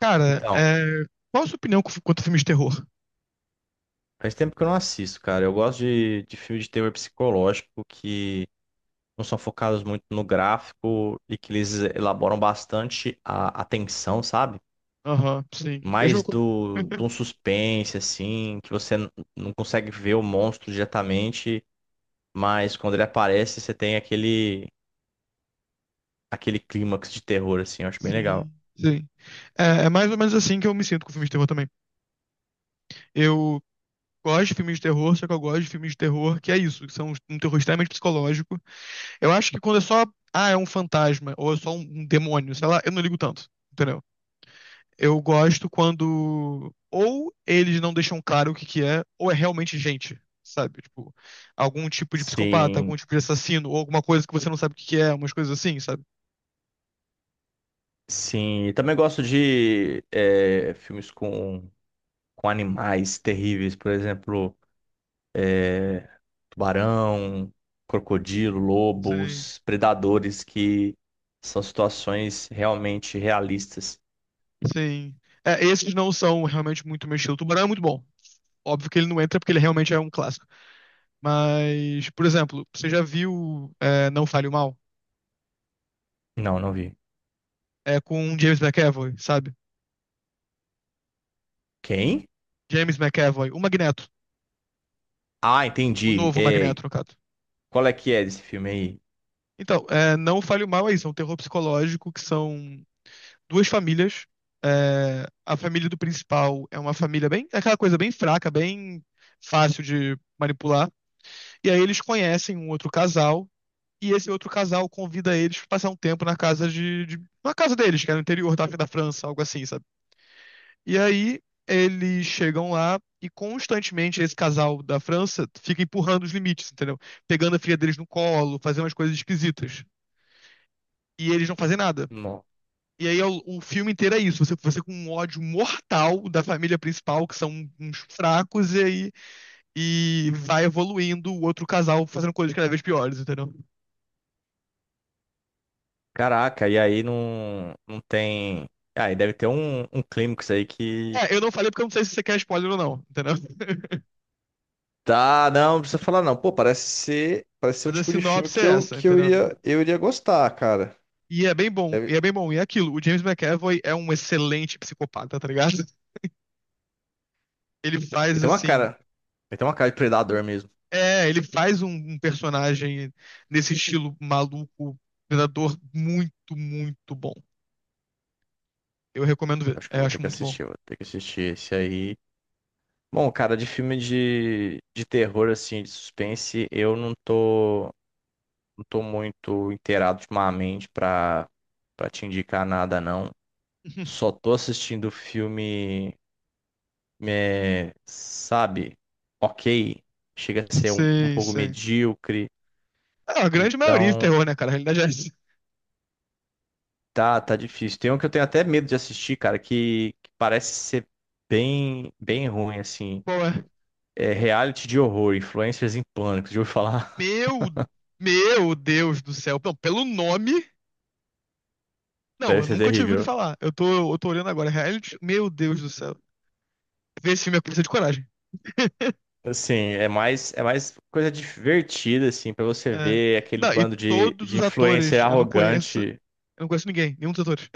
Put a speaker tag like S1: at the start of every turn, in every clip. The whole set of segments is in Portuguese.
S1: Cara,
S2: Então,
S1: qual a sua opinião quanto a filmes de terror?
S2: faz tempo que eu não assisto, cara. Eu gosto de filmes de terror psicológico que não são focados muito no gráfico e que eles elaboram bastante a tensão, sabe?
S1: Aham, sim. Mesmo
S2: Mais
S1: com.
S2: de um suspense, assim, que não consegue ver o monstro diretamente, mas quando ele aparece, você tem aquele clímax de terror, assim. Eu acho bem legal.
S1: Sim, sim. É, é mais ou menos assim que eu me sinto com filmes de terror também. Eu gosto de filmes de terror, só que eu gosto de filmes de terror que é isso, que são um terror extremamente psicológico. Eu acho que quando é só, ah, é um fantasma, ou é só um demônio, sei lá, eu não ligo tanto. Eu gosto quando ou eles não deixam claro o que que é, ou é realmente gente, sabe? Tipo, algum tipo de psicopata, algum
S2: Sim,
S1: tipo de assassino, ou alguma coisa que você não sabe o que que é, umas coisas assim, sabe?
S2: sim. E também gosto de filmes com animais terríveis, por exemplo. Tubarão, crocodilo,
S1: Sim,
S2: lobos, predadores, que são situações realmente realistas.
S1: sim. É, esses não são realmente muito meu estilo. Tubarão é muito bom. Óbvio que ele não entra porque ele realmente é um clássico. Mas, por exemplo, você já viu Não Fale o Mal?
S2: Não, não vi.
S1: É com James McAvoy, sabe?
S2: Quem?
S1: James McAvoy, o Magneto.
S2: Ah,
S1: O
S2: entendi.
S1: novo
S2: É,
S1: Magneto, no caso.
S2: qual é que é desse filme aí?
S1: Então, Não Fale o Mal é isso, é um terror psicológico que são duas famílias. É, a família do principal é uma família bem, é aquela coisa bem fraca, bem fácil de manipular. E aí eles conhecem um outro casal e esse outro casal convida eles para passar um tempo na casa de na casa deles, que é no interior da França, algo assim, sabe? E aí eles chegam lá e constantemente esse casal da França fica empurrando os limites, entendeu? Pegando a filha deles no colo, fazendo umas coisas esquisitas. E eles não fazem nada.
S2: Não.
S1: E aí é o filme inteiro é isso. Você com um ódio mortal da família principal, que são uns fracos, e aí e vai evoluindo o outro casal fazendo coisas cada vez piores, entendeu?
S2: Caraca, e aí não, não tem. Ah, e deve ter um, um clímax aí que.
S1: É, eu não falei porque eu não sei se você quer spoiler ou não, entendeu?
S2: Tá, não, não precisa falar não. Pô, parece ser o
S1: Mas a
S2: tipo de filme
S1: sinopse é essa,
S2: que
S1: entendeu?
S2: eu iria gostar, cara.
S1: E é bem bom,
S2: Deve...
S1: e é bem bom. E é aquilo, o James McAvoy é um excelente psicopata, tá ligado? Ele
S2: Ele
S1: faz
S2: tem uma
S1: assim.
S2: cara. Ele tem uma cara de predador mesmo.
S1: É, ele faz um personagem nesse estilo maluco, predador, muito, muito bom. Eu recomendo ver.
S2: Acho que
S1: É,
S2: eu vou ter
S1: acho
S2: que
S1: muito bom.
S2: assistir, vou ter que assistir esse aí. Bom, cara, de filme de terror, assim, de suspense, eu não tô, não tô muito inteirado ultimamente pra, pra te indicar nada, não. Só tô assistindo filme, é, sabe, ok, chega a ser um, um
S1: Sim,
S2: pouco
S1: sim.
S2: medíocre,
S1: Ah, a grande maioria de
S2: então
S1: terror, né, cara? A realidade é essa.
S2: tá, tá difícil. Tem um que eu tenho até medo de assistir, cara, que parece ser bem, bem ruim, assim.
S1: Qual é?
S2: É, reality de horror, influencers em pânico, de eu falar,
S1: Meu, meu Deus do céu. Não, pelo nome. Não,
S2: deve
S1: eu
S2: ser
S1: nunca tinha ouvido
S2: terrível.
S1: falar. Eu tô olhando agora. Reality. Meu Deus do céu. Ver esse filme é precisa de coragem.
S2: Assim, é mais coisa divertida, assim, pra você
S1: É.
S2: ver aquele
S1: Não, e
S2: bando
S1: todos
S2: de
S1: os
S2: influencer
S1: atores, eu não conheço.
S2: arrogante.
S1: Eu não conheço ninguém, nenhum dos atores.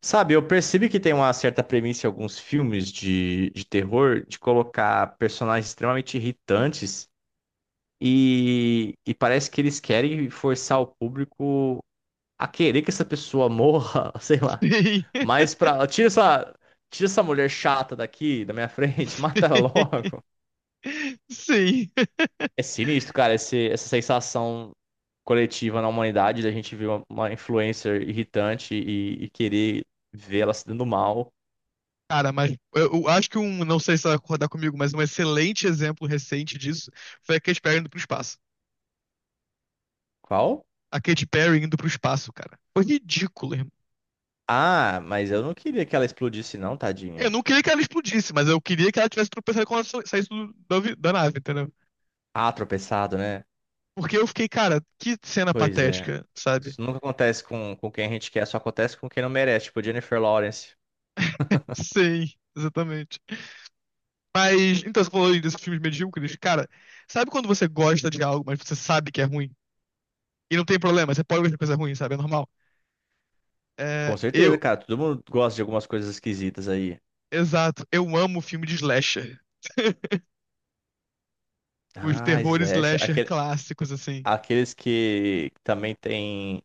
S2: Sabe, eu percebi que tem uma certa premissa em alguns filmes de terror de colocar personagens extremamente irritantes e parece que eles querem forçar o público a querer que essa pessoa morra, sei lá.
S1: Sim.
S2: Mas pra. Tira essa. Tira essa mulher chata daqui, da minha frente, mata ela
S1: Sim.
S2: logo.
S1: Sim.
S2: É sinistro, cara, esse, essa sensação coletiva na humanidade da gente ver uma influencer irritante e querer ver ela se dando mal.
S1: Cara, mas eu acho que não sei se você vai concordar comigo, mas um excelente exemplo recente disso foi aquele Expediente para o Espaço.
S2: Qual?
S1: A Katy Perry indo pro espaço, cara. Foi ridículo, irmão.
S2: Ah, mas eu não queria que ela explodisse, não,
S1: Eu
S2: tadinha.
S1: não queria que ela explodisse, mas eu queria que ela tivesse tropeçado quando ela saísse da nave, entendeu?
S2: Ah, tropeçado, né?
S1: Porque eu fiquei, cara, que cena
S2: Pois é.
S1: patética, sabe?
S2: Isso nunca acontece com quem a gente quer, só acontece com quem não merece, tipo Jennifer Lawrence.
S1: Sim, exatamente. Mas, então, você falou aí desses filmes medíocres. Cara, sabe quando você gosta de algo, mas você sabe que é ruim? E não tem problema, você pode gostar de coisa ruim, sabe? É normal. É,
S2: Com certeza, cara. Todo mundo gosta de algumas coisas esquisitas aí.
S1: exato, eu amo filme de slasher. Os
S2: Ah,
S1: terrores
S2: slasher.
S1: slasher
S2: Aquele,
S1: clássicos, assim.
S2: aqueles que também tem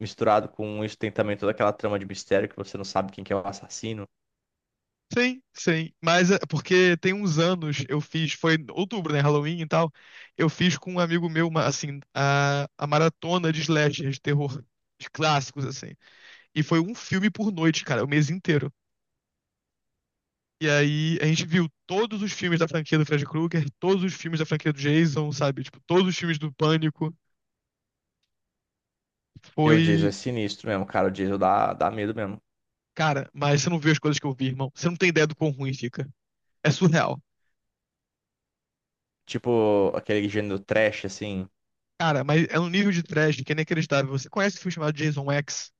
S2: misturado com isso, tem também toda aquela trama de mistério que você não sabe quem que é o assassino.
S1: Sim, sim. Mas é porque tem uns anos eu fiz, foi em outubro, né? Halloween e tal. Eu fiz com um amigo meu, assim, a maratona de slasher, de terror, de clássicos, assim. E foi um filme por noite, cara, o mês inteiro. E aí a gente viu todos os filmes da franquia do Fred Krueger, todos os filmes da franquia do Jason, sabe? Tipo, todos os filmes do Pânico.
S2: E o Jason
S1: Foi.
S2: é sinistro mesmo, cara. O Jason dá, dá medo mesmo.
S1: Cara, mas você não viu as coisas que eu vi, irmão. Você não tem ideia do quão ruim fica. É surreal.
S2: Tipo aquele gênero trash, assim.
S1: Cara, mas é um nível de trash que é inacreditável. Você conhece o filme chamado Jason X?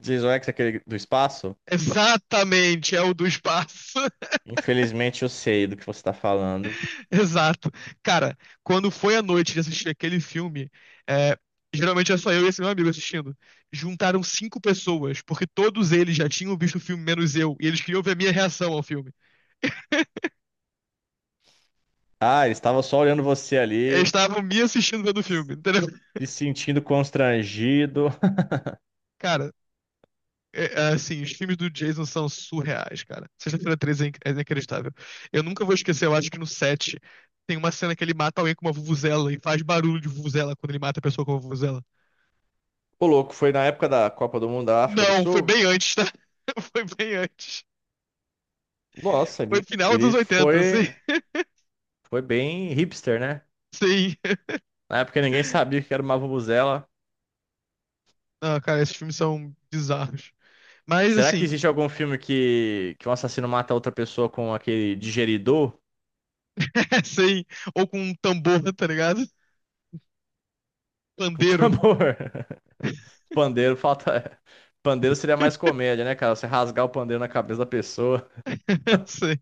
S2: Jason X, aquele do espaço.
S1: Exatamente, é o do espaço.
S2: Infelizmente eu sei do que você tá falando.
S1: Exato. Cara, quando foi a noite de assistir aquele filme, é, geralmente é só eu e esse meu amigo assistindo. Juntaram cinco pessoas, porque todos eles já tinham visto o filme, menos eu, e eles queriam ver a minha reação ao filme.
S2: Ah, ele estava só olhando você
S1: Eles
S2: ali,
S1: estavam me assistindo vendo o filme, entendeu?
S2: se sentindo constrangido.
S1: Cara, é assim, os filmes do Jason são surreais, cara. Sexta-feira 13 é inacreditável. Eu nunca vou esquecer, eu acho que no 7 tem uma cena que ele mata alguém com uma vuvuzela e faz barulho de vuvuzela quando ele mata a pessoa com uma vuvuzela.
S2: Ô, louco, foi na época da Copa do Mundo da África do
S1: Não, foi
S2: Sul?
S1: bem antes, tá? Foi bem antes.
S2: Nossa,
S1: Foi
S2: ele,
S1: final
S2: ele
S1: dos 80,
S2: foi,
S1: sim.
S2: foi bem hipster, né?
S1: Sim.
S2: Na época ninguém sabia o que era uma vuvuzela.
S1: Ah, cara, esses filmes são bizarros. Mas
S2: Será que
S1: assim,
S2: existe algum filme que um assassino mata outra pessoa com aquele digeridor?
S1: sim. Ou com um tambor, tá ligado?
S2: Com
S1: Pandeiro.
S2: tambor? Pandeiro falta. Pandeiro seria mais comédia, né, cara? Você rasgar o pandeiro na cabeça da pessoa.
S1: Sim.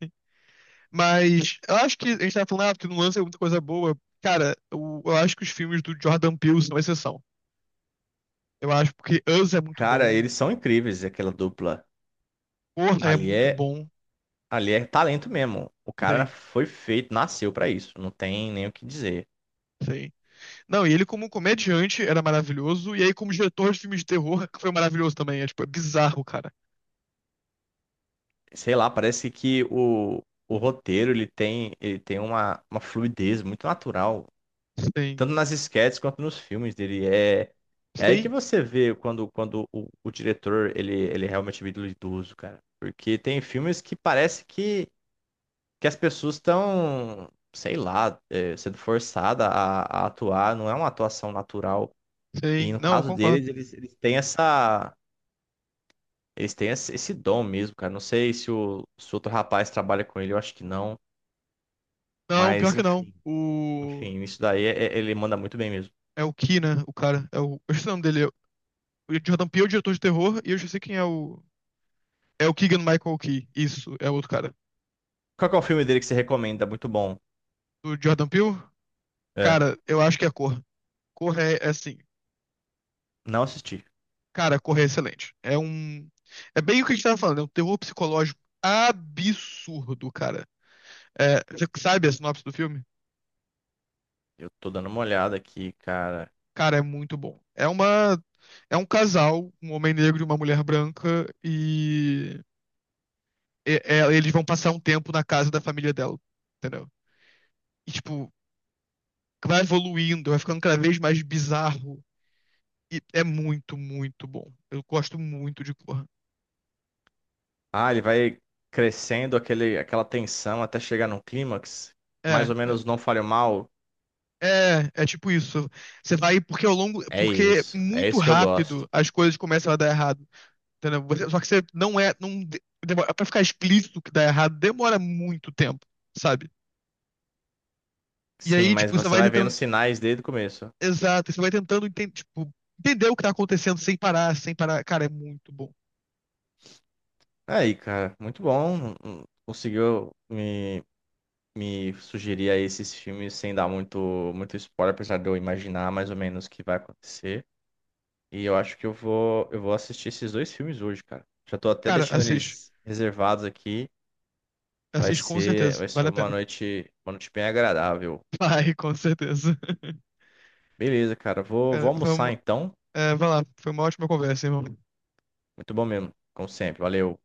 S1: Mas eu acho que a gente tava falando, ah, porque não lança muita coisa boa. Cara, eu acho que os filmes do Jordan Peele são exceção. Eu acho porque Us é muito
S2: Cara,
S1: bom.
S2: eles são incríveis, aquela dupla.
S1: Corra é
S2: Ali
S1: muito
S2: é,
S1: bom.
S2: ali é talento mesmo. O cara
S1: Sim,
S2: foi feito, nasceu pra isso. Não tem nem o que dizer.
S1: sim. Não, e ele como comediante era maravilhoso, e aí como diretor de filmes de terror foi maravilhoso também. É, tipo, é bizarro, cara.
S2: Sei lá, parece que o roteiro ele tem uma fluidez muito natural,
S1: Sim,
S2: tanto nas esquetes quanto nos filmes dele. É, é aí que
S1: sim,
S2: você vê quando, quando o diretor ele, ele realmente é ídolo idoso, cara. Porque tem filmes que parece que as pessoas estão, sei lá, é, sendo forçadas a atuar, não é uma atuação natural. E
S1: sim.
S2: no
S1: Não, eu
S2: caso
S1: concordo.
S2: deles, eles têm essa. Eles têm esse esse dom mesmo, cara. Não sei se o, se outro rapaz trabalha com ele, eu acho que não.
S1: Não,
S2: Mas
S1: pior que não.
S2: enfim,
S1: O.
S2: enfim, isso daí é- é- ele manda muito bem mesmo.
S1: É o Key, né? O cara. É o. Eu esqueci o nome dele. O Jordan Peele é o diretor de terror, e eu já sei quem é o. É o Keegan-Michael Key. Isso, é outro cara.
S2: Qual que é o filme dele que você recomenda? Muito bom.
S1: O Jordan Peele,
S2: É.
S1: cara, eu acho que é Cor. Cor é assim.
S2: Não assisti.
S1: Cara, Cor é excelente. É um. É bem o que a gente tava falando, é um terror psicológico absurdo, cara. É, você sabe a sinopse do filme?
S2: Eu tô dando uma olhada aqui, cara.
S1: Cara, é muito bom. É um casal, um homem negro e uma mulher branca, eles vão passar um tempo na casa da família dela, entendeu? E, tipo, vai evoluindo, vai ficando cada vez mais bizarro. E é muito, muito bom. Eu gosto muito de Corra.
S2: Ah, ele vai crescendo aquele, aquela tensão até chegar num clímax.
S1: É,
S2: Mais ou
S1: é,
S2: menos não falha mal.
S1: é, tipo isso. Você vai, porque ao longo,
S2: É
S1: porque
S2: isso. É
S1: muito
S2: isso que eu gosto.
S1: rápido as coisas começam a dar errado. Entendeu? Só que você não é. Não, demora, pra ficar explícito que dá errado, demora muito tempo, sabe? E
S2: Sim,
S1: aí,
S2: mas
S1: tipo, você
S2: você
S1: vai
S2: vai vendo
S1: tentando.
S2: sinais desde o começo.
S1: Exato, você vai tentando tipo, entender o que tá acontecendo sem parar, sem parar. Cara, é muito bom.
S2: Aí, cara, muito bom. Conseguiu me, me sugerir aí esses filmes sem dar muito, muito spoiler, apesar de eu imaginar mais ou menos o que vai acontecer. E eu acho que eu vou assistir esses dois filmes hoje, cara. Já tô até
S1: Cara,
S2: deixando
S1: assiste.
S2: eles reservados aqui.
S1: Assiste com certeza.
S2: Vai ser
S1: Vale a pena.
S2: uma noite bem agradável.
S1: Vai, com certeza.
S2: Beleza, cara. Vou, vou
S1: Cara,
S2: almoçar então.
S1: vai lá. Foi uma ótima conversa, irmão.
S2: Muito bom mesmo, como sempre. Valeu.